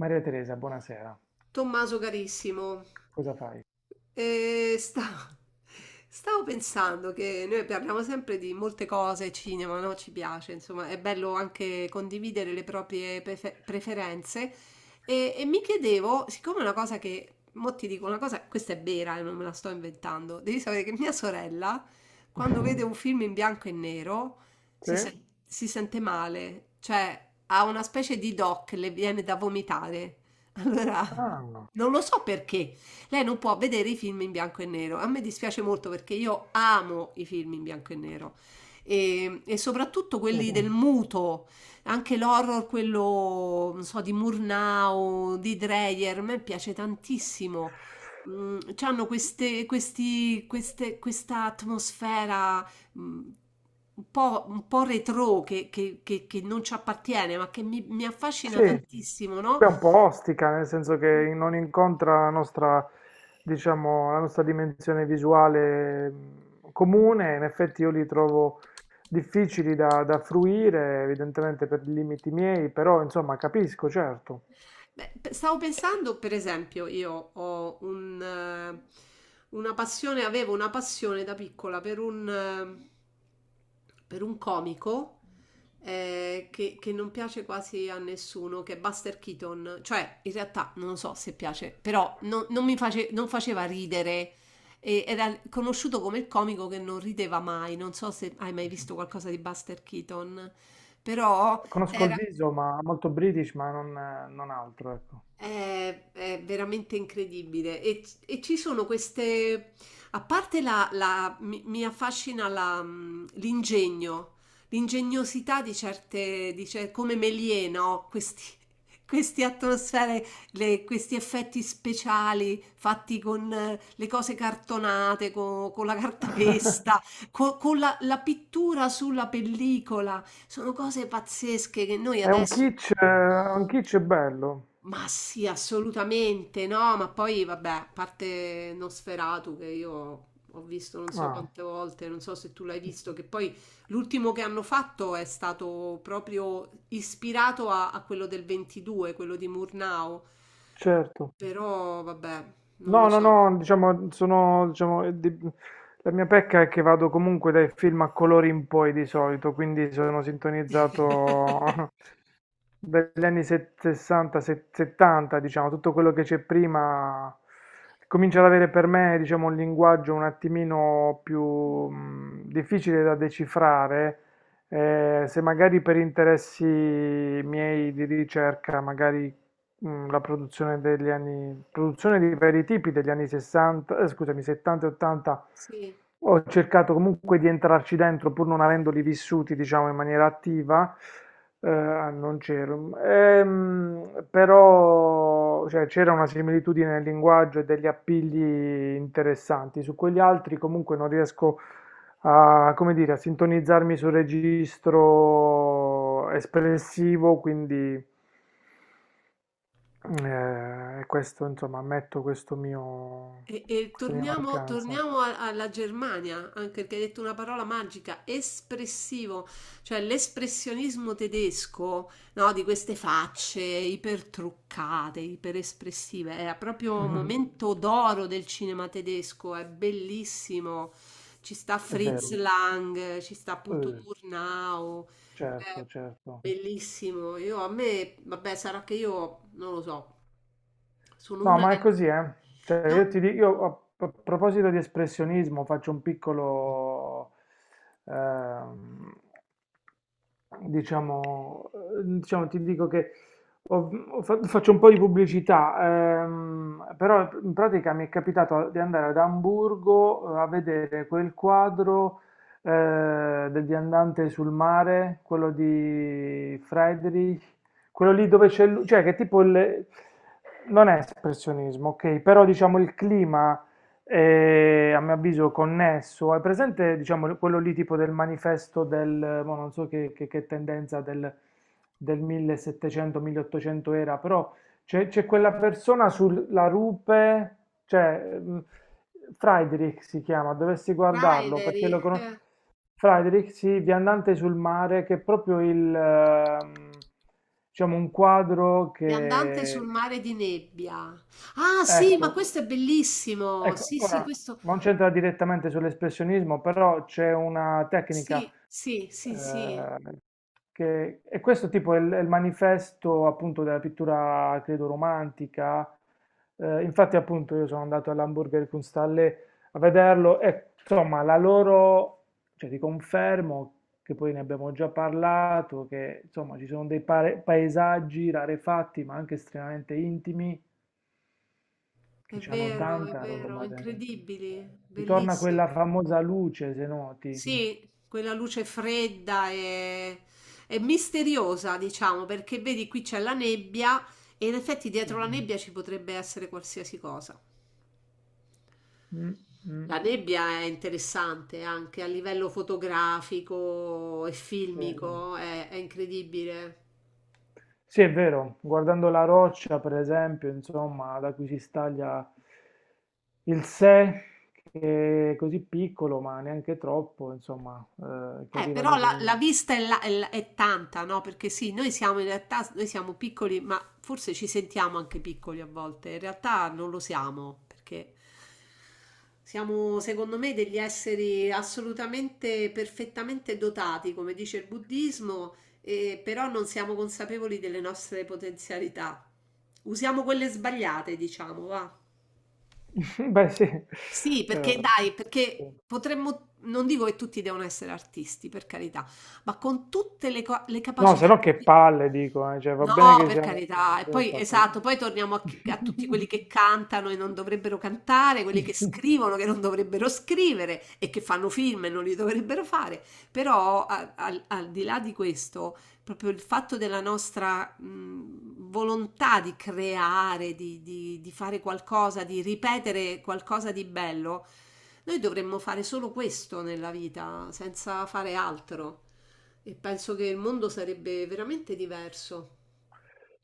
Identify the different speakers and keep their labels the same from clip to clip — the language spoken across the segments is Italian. Speaker 1: Maria Teresa, buonasera.
Speaker 2: Tommaso carissimo,
Speaker 1: Cosa fai?
Speaker 2: eh, sta- stavo pensando che noi parliamo sempre di molte cose, cinema, no? Ci piace, insomma, è bello anche condividere le proprie preferenze e mi chiedevo, siccome una cosa che, mo ti dico una cosa, questa è vera e non me la sto inventando, devi sapere che mia sorella, quando vede un film in bianco e nero,
Speaker 1: Sì?
Speaker 2: si sente male, cioè ha una specie di doc, le viene da vomitare. Allora,
Speaker 1: Ah,
Speaker 2: non lo so perché. Lei non può vedere i film in bianco e nero. A me dispiace molto perché io amo i film in bianco e nero. E soprattutto
Speaker 1: sì.
Speaker 2: quelli del muto, anche l'horror, quello, non so, di Murnau, di Dreyer, a me piace tantissimo. C'hanno questa atmosfera mm, un po' retro che non ci appartiene, ma che mi affascina
Speaker 1: Sì,
Speaker 2: tantissimo, no?
Speaker 1: beh, un po' ostica, nel senso che non incontra la nostra, diciamo, la nostra dimensione visuale comune. In effetti io li trovo difficili da fruire, evidentemente per i limiti miei, però insomma capisco, certo.
Speaker 2: Beh, stavo pensando, per esempio, io ho una passione, avevo una passione da piccola per per un comico che non piace quasi a nessuno, che è Buster Keaton. Cioè, in realtà non lo so se piace, però non mi non faceva ridere. E era conosciuto come il comico che non rideva mai. Non so se hai mai visto qualcosa di Buster Keaton, però
Speaker 1: Conosco il
Speaker 2: era.
Speaker 1: viso, ma molto British, ma non altro, ecco.
Speaker 2: È veramente incredibile e ci sono queste, a parte mi affascina l'ingegno, l'ingegnosità di come Méliès, no? Questi, queste atmosfere, questi effetti speciali fatti con le cose cartonate, la cartapesta, con la pittura sulla pellicola, sono cose pazzesche che noi
Speaker 1: È
Speaker 2: adesso.
Speaker 1: un kitsch bello.
Speaker 2: Ma sì, assolutamente no, ma poi vabbè, a parte Nosferatu che io ho visto non so
Speaker 1: Ah,
Speaker 2: quante volte, non so se tu l'hai visto, che poi l'ultimo che hanno fatto è stato proprio ispirato a quello del 22, quello di Murnau,
Speaker 1: certo.
Speaker 2: però vabbè, non lo
Speaker 1: No, no,
Speaker 2: so.
Speaker 1: no, diciamo, sono, diciamo, la mia pecca è che vado comunque dai film a colori in poi di solito, quindi sono sintonizzato dagli anni 60, 70, diciamo, tutto quello che c'è prima comincia ad avere per me, diciamo, un linguaggio un attimino più difficile da decifrare, se magari per interessi miei di ricerca, magari la produzione degli anni, produzione di vari tipi degli anni 60, scusami, 70 e 80.
Speaker 2: Sì.
Speaker 1: Ho cercato comunque di entrarci dentro pur non avendoli vissuti, diciamo, in maniera attiva. Non c'ero. Però cioè, c'era una similitudine nel linguaggio e degli appigli interessanti. Su quegli altri comunque non riesco a, come dire, a sintonizzarmi sul registro espressivo, quindi e questo insomma ammetto questo mio
Speaker 2: E
Speaker 1: questa mia
Speaker 2: torniamo,
Speaker 1: mancanza.
Speaker 2: alla Germania, anche perché hai detto una parola magica, espressivo, cioè l'espressionismo tedesco, no, di queste facce ipertruccate, iperespressive, era proprio un momento d'oro del cinema tedesco, è bellissimo. Ci sta
Speaker 1: È
Speaker 2: Fritz
Speaker 1: vero.
Speaker 2: Lang, ci sta appunto
Speaker 1: Eh,
Speaker 2: Murnau, è
Speaker 1: certo, certo.
Speaker 2: bellissimo. Io a me, vabbè, sarà che io non lo so, sono
Speaker 1: No,
Speaker 2: una
Speaker 1: ma è
Speaker 2: che.
Speaker 1: così, eh. Cioè, io ti dico, io a proposito di espressionismo faccio un piccolo, ehm, diciamo, diciamo, ti dico che faccio un po' di pubblicità, però in pratica mi è capitato di andare ad Amburgo, a vedere quel quadro, del viandante sul mare, quello di Friedrich, quello lì dove c'è lui. Cioè, che tipo il, non è espressionismo, ok, però diciamo il clima è, a mio avviso, connesso, è presente, diciamo quello lì tipo del manifesto del, mo non so, che tendenza del 1700-1800 era, però c'è quella persona sulla rupe. Cioè, Friedrich si chiama, dovresti guardarlo
Speaker 2: Rideri
Speaker 1: perché lo conosco. Friedrich, sì, viandante sul mare, che è proprio il, diciamo, un quadro
Speaker 2: viandante sul
Speaker 1: che,
Speaker 2: mare di nebbia. Ah, sì, ma
Speaker 1: ecco,
Speaker 2: questo è bellissimo.
Speaker 1: ecco,
Speaker 2: Sì, sì,
Speaker 1: ora
Speaker 2: questo.
Speaker 1: non c'entra direttamente sull'espressionismo, però c'è una tecnica,
Speaker 2: Sì, sì, sì, sì.
Speaker 1: eh, e questo tipo è il manifesto appunto della pittura, credo, romantica. Infatti, appunto, io sono andato all'Hamburger Kunsthalle a vederlo e insomma, la loro, cioè ti confermo, che poi ne abbiamo già parlato, che insomma ci sono dei paesaggi rarefatti ma anche estremamente intimi. Che c'hanno
Speaker 2: È
Speaker 1: tanta
Speaker 2: vero,
Speaker 1: roba dentro.
Speaker 2: incredibili,
Speaker 1: Eh. Ritorna quella
Speaker 2: bellissimo.
Speaker 1: famosa luce, se noti.
Speaker 2: Sì, quella luce fredda e misteriosa, diciamo, perché vedi qui c'è la nebbia e in effetti
Speaker 1: Sì.
Speaker 2: dietro la nebbia ci potrebbe essere qualsiasi cosa.
Speaker 1: Mm, mm,
Speaker 2: La nebbia è interessante anche a livello fotografico e
Speaker 1: sì.
Speaker 2: filmico, è incredibile.
Speaker 1: Sì, è vero, guardando la roccia, per esempio, insomma, da cui si staglia il sé, che è così piccolo, ma neanche troppo, insomma, che arriva
Speaker 2: Però
Speaker 1: lì
Speaker 2: la, la
Speaker 1: con...
Speaker 2: vista è, la- è tanta, no? Perché sì, noi siamo in realtà, noi siamo piccoli, ma forse ci sentiamo anche piccoli a volte. In realtà non lo siamo, perché siamo, secondo me, degli esseri assolutamente, perfettamente dotati, come dice il buddismo, però non siamo consapevoli delle nostre potenzialità. Usiamo quelle sbagliate, diciamo, va.
Speaker 1: Beh, sì.
Speaker 2: Sì,
Speaker 1: Eh,
Speaker 2: perché dai,
Speaker 1: sì.
Speaker 2: perché potremmo, non dico che tutti devono essere artisti, per carità, ma con tutte le
Speaker 1: No, se
Speaker 2: capacità
Speaker 1: no
Speaker 2: che
Speaker 1: che
Speaker 2: abbiamo.
Speaker 1: palle, dico, cioè, va bene
Speaker 2: No,
Speaker 1: che
Speaker 2: per
Speaker 1: siamo...
Speaker 2: carità. E
Speaker 1: sì,
Speaker 2: poi,
Speaker 1: infatti.
Speaker 2: esatto, poi torniamo a tutti quelli che cantano e non dovrebbero cantare, quelli che scrivono che non dovrebbero scrivere e che fanno film e non li dovrebbero fare. Però, al di là di questo proprio il fatto della nostra volontà di creare, di fare qualcosa, di ripetere qualcosa di bello, noi dovremmo fare solo questo nella vita, senza fare altro. E penso che il mondo sarebbe veramente diverso.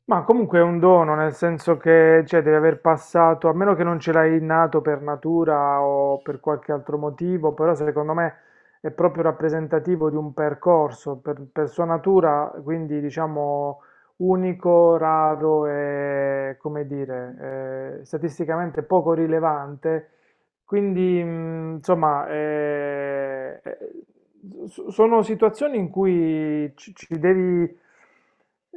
Speaker 1: Ma comunque è un dono, nel senso che, cioè, devi aver passato, a meno che non ce l'hai innato per natura o per qualche altro motivo, però secondo me è proprio rappresentativo di un percorso, per sua natura, quindi diciamo unico, raro e, come dire, statisticamente poco rilevante. Quindi, insomma, sono situazioni in cui ci devi,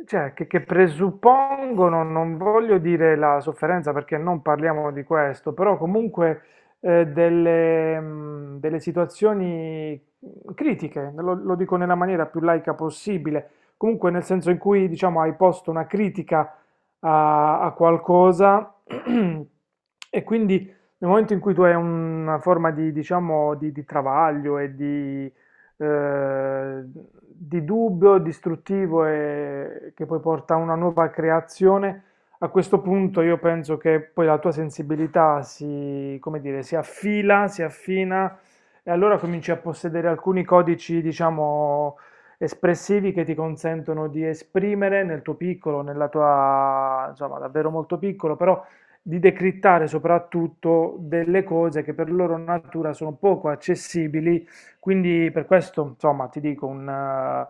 Speaker 1: cioè, che presuppongono, non voglio dire la sofferenza perché non parliamo di questo, però comunque delle, delle situazioni critiche, lo, lo dico nella maniera più laica possibile, comunque nel senso in cui, diciamo, hai posto una critica a, a qualcosa, e quindi nel momento in cui tu hai una forma di, diciamo, di travaglio e eh, di dubbio, distruttivo e che poi porta a una nuova creazione, a questo punto io penso che poi la tua sensibilità si, come dire, si affila, si affina e allora cominci a possedere alcuni codici, diciamo, espressivi che ti consentono di esprimere nel tuo piccolo, nella tua, insomma, davvero molto piccolo, però di decrittare soprattutto delle cose che per loro natura sono poco accessibili, quindi per questo, insomma, ti dico un,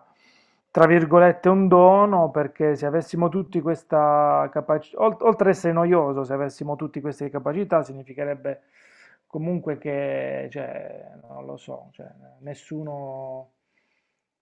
Speaker 1: tra virgolette, un dono, perché se avessimo tutti questa capacità, oltre ad essere noioso, se avessimo tutti queste capacità, significherebbe comunque che, cioè, non lo so, cioè, nessuno,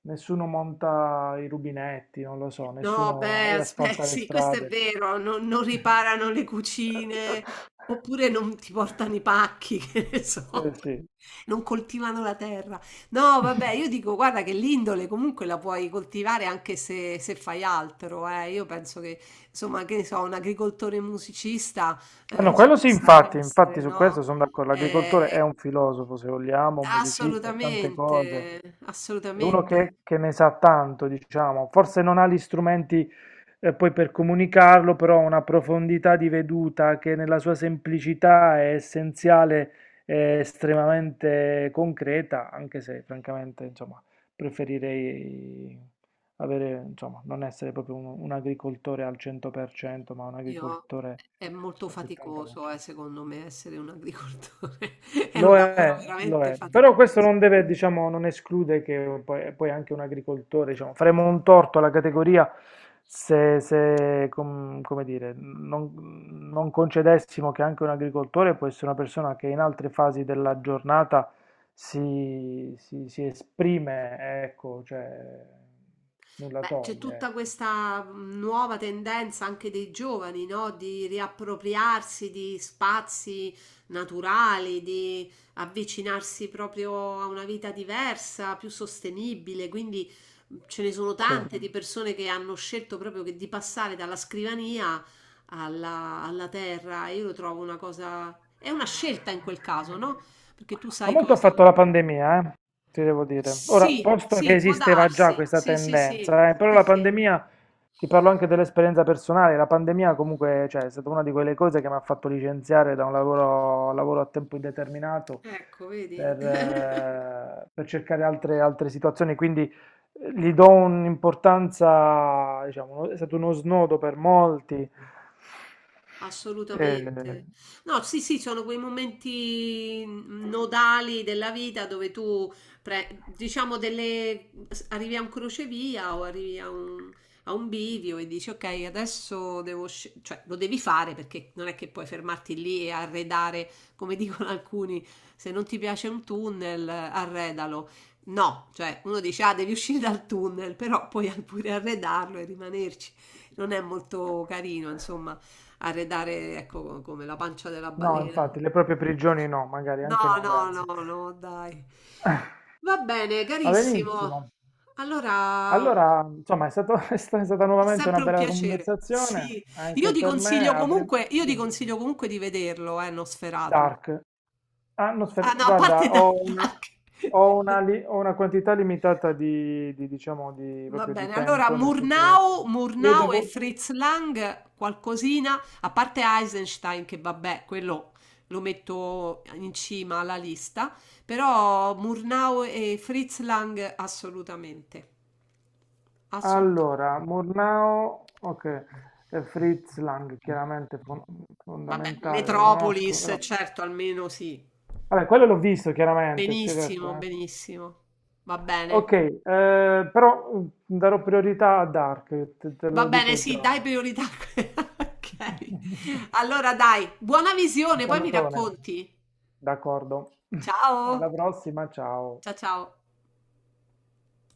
Speaker 1: nessuno monta i rubinetti, non lo so,
Speaker 2: No,
Speaker 1: nessuno
Speaker 2: beh, aspe
Speaker 1: asfalta le
Speaker 2: sì, questo è
Speaker 1: strade.
Speaker 2: vero, non riparano le cucine, oppure non ti portano i pacchi, che ne
Speaker 1: Eh
Speaker 2: so,
Speaker 1: sì.
Speaker 2: non coltivano la terra. No, vabbè, io dico, guarda che l'indole comunque la puoi coltivare anche se, se fai altro, eh. Io penso che, insomma, che ne so, un agricoltore musicista
Speaker 1: Ah, no,
Speaker 2: ci
Speaker 1: quello sì,
Speaker 2: possa
Speaker 1: infatti, infatti
Speaker 2: essere,
Speaker 1: su
Speaker 2: no?
Speaker 1: questo sono d'accordo. L'agricoltore è
Speaker 2: Eh,
Speaker 1: un filosofo, se vogliamo, un musicista, è tante
Speaker 2: assolutamente,
Speaker 1: cose. È uno
Speaker 2: assolutamente.
Speaker 1: che ne sa tanto, diciamo. Forse non ha gli strumenti, poi, per comunicarlo, però ha una profondità di veduta che nella sua semplicità è essenziale e estremamente concreta, anche se francamente, insomma, preferirei avere, insomma, non essere proprio un agricoltore al 100%, ma un
Speaker 2: Io
Speaker 1: agricoltore
Speaker 2: è molto
Speaker 1: al
Speaker 2: faticoso,
Speaker 1: 70%.
Speaker 2: secondo me, essere un agricoltore. È un lavoro
Speaker 1: Lo
Speaker 2: veramente
Speaker 1: è, però questo
Speaker 2: faticoso.
Speaker 1: non deve, diciamo, non esclude che poi, poi anche un agricoltore, diciamo, faremo un torto alla categoria se, se, come dire, non, non concedessimo che anche un agricoltore può essere una persona che in altre fasi della giornata si, si esprime, ecco, cioè, nulla
Speaker 2: Beh, c'è
Speaker 1: toglie,
Speaker 2: tutta
Speaker 1: ecco.
Speaker 2: questa nuova tendenza anche dei giovani, no? Di riappropriarsi di spazi naturali, di avvicinarsi proprio a una vita diversa, più sostenibile. Quindi ce ne sono
Speaker 1: Sì.
Speaker 2: tante di persone che hanno scelto proprio di passare dalla scrivania alla terra. Io lo trovo una cosa, è una scelta in quel caso, no? Perché tu
Speaker 1: Ma
Speaker 2: sai
Speaker 1: molto ha
Speaker 2: cosa.
Speaker 1: fatto la pandemia, ti devo dire. Ora,
Speaker 2: Sì,
Speaker 1: posto che
Speaker 2: sì, può
Speaker 1: esisteva già
Speaker 2: darsi.
Speaker 1: questa
Speaker 2: Sì, sì, sì.
Speaker 1: tendenza, però
Speaker 2: Sì,
Speaker 1: la
Speaker 2: sì.
Speaker 1: pandemia, ti parlo anche dell'esperienza personale, la pandemia comunque, cioè, è stata una di quelle cose che mi ha fatto licenziare da un lavoro, lavoro a tempo indeterminato,
Speaker 2: Ecco, vedi?
Speaker 1: per cercare altre, altre situazioni, quindi gli do un'importanza, diciamo, è stato uno snodo per molti. Eh.
Speaker 2: Assolutamente. No, sì, sì, sono quei momenti nodali della vita dove tu, diciamo, delle, arrivi a un crocevia o arrivi a un bivio e dici, ok, adesso cioè lo devi fare perché non è che puoi fermarti lì e arredare, come dicono alcuni, se non ti piace un tunnel, arredalo. No, cioè uno dice, ah, devi uscire dal tunnel, però puoi pure arredarlo e rimanerci. Non è molto carino, insomma arredare, ecco, come la pancia della
Speaker 1: No,
Speaker 2: balena. Mm.
Speaker 1: infatti, le proprie prigioni no, magari
Speaker 2: No,
Speaker 1: anche no, grazie.
Speaker 2: no, dai. Va bene,
Speaker 1: Va
Speaker 2: carissimo.
Speaker 1: benissimo.
Speaker 2: Allora, è
Speaker 1: Allora, insomma, è stato- è è stata nuovamente una
Speaker 2: sempre un
Speaker 1: bella
Speaker 2: piacere.
Speaker 1: conversazione,
Speaker 2: Sì,
Speaker 1: anche per me. Avrei-
Speaker 2: io ti
Speaker 1: dimmi.
Speaker 2: consiglio comunque di vederlo, Nosferatu.
Speaker 1: Dark. Ah, no, aspetta,
Speaker 2: Ah no, a
Speaker 1: guarda,
Speaker 2: parte Dark.
Speaker 1: ho una quantità limitata di, diciamo, di,
Speaker 2: Va
Speaker 1: proprio di
Speaker 2: bene, allora
Speaker 1: tempo, nel senso che io
Speaker 2: Murnau e sì.
Speaker 1: devo...
Speaker 2: Fritz Lang, qualcosina, a parte Eisenstein che vabbè, quello lo metto in cima alla lista, però Murnau e Fritz Lang assolutamente, assolutamente.
Speaker 1: Allora, Murnau, ok, Fritz Lang, chiaramente
Speaker 2: Vabbè,
Speaker 1: fondamentale, lo conosco,
Speaker 2: Metropolis,
Speaker 1: però...
Speaker 2: certo, almeno sì.
Speaker 1: Vabbè, quello l'ho visto chiaramente, sì, certo.
Speaker 2: Benissimo,
Speaker 1: Eh.
Speaker 2: benissimo. Va bene.
Speaker 1: Ok, però darò priorità a Dark, te, te
Speaker 2: Va
Speaker 1: lo
Speaker 2: bene,
Speaker 1: dico
Speaker 2: sì,
Speaker 1: già.
Speaker 2: dai priorità. Ok. Allora dai, buona
Speaker 1: Un
Speaker 2: visione, poi mi
Speaker 1: salutone.
Speaker 2: racconti.
Speaker 1: D'accordo. Alla
Speaker 2: Ciao.
Speaker 1: prossima, ciao.
Speaker 2: Ciao ciao.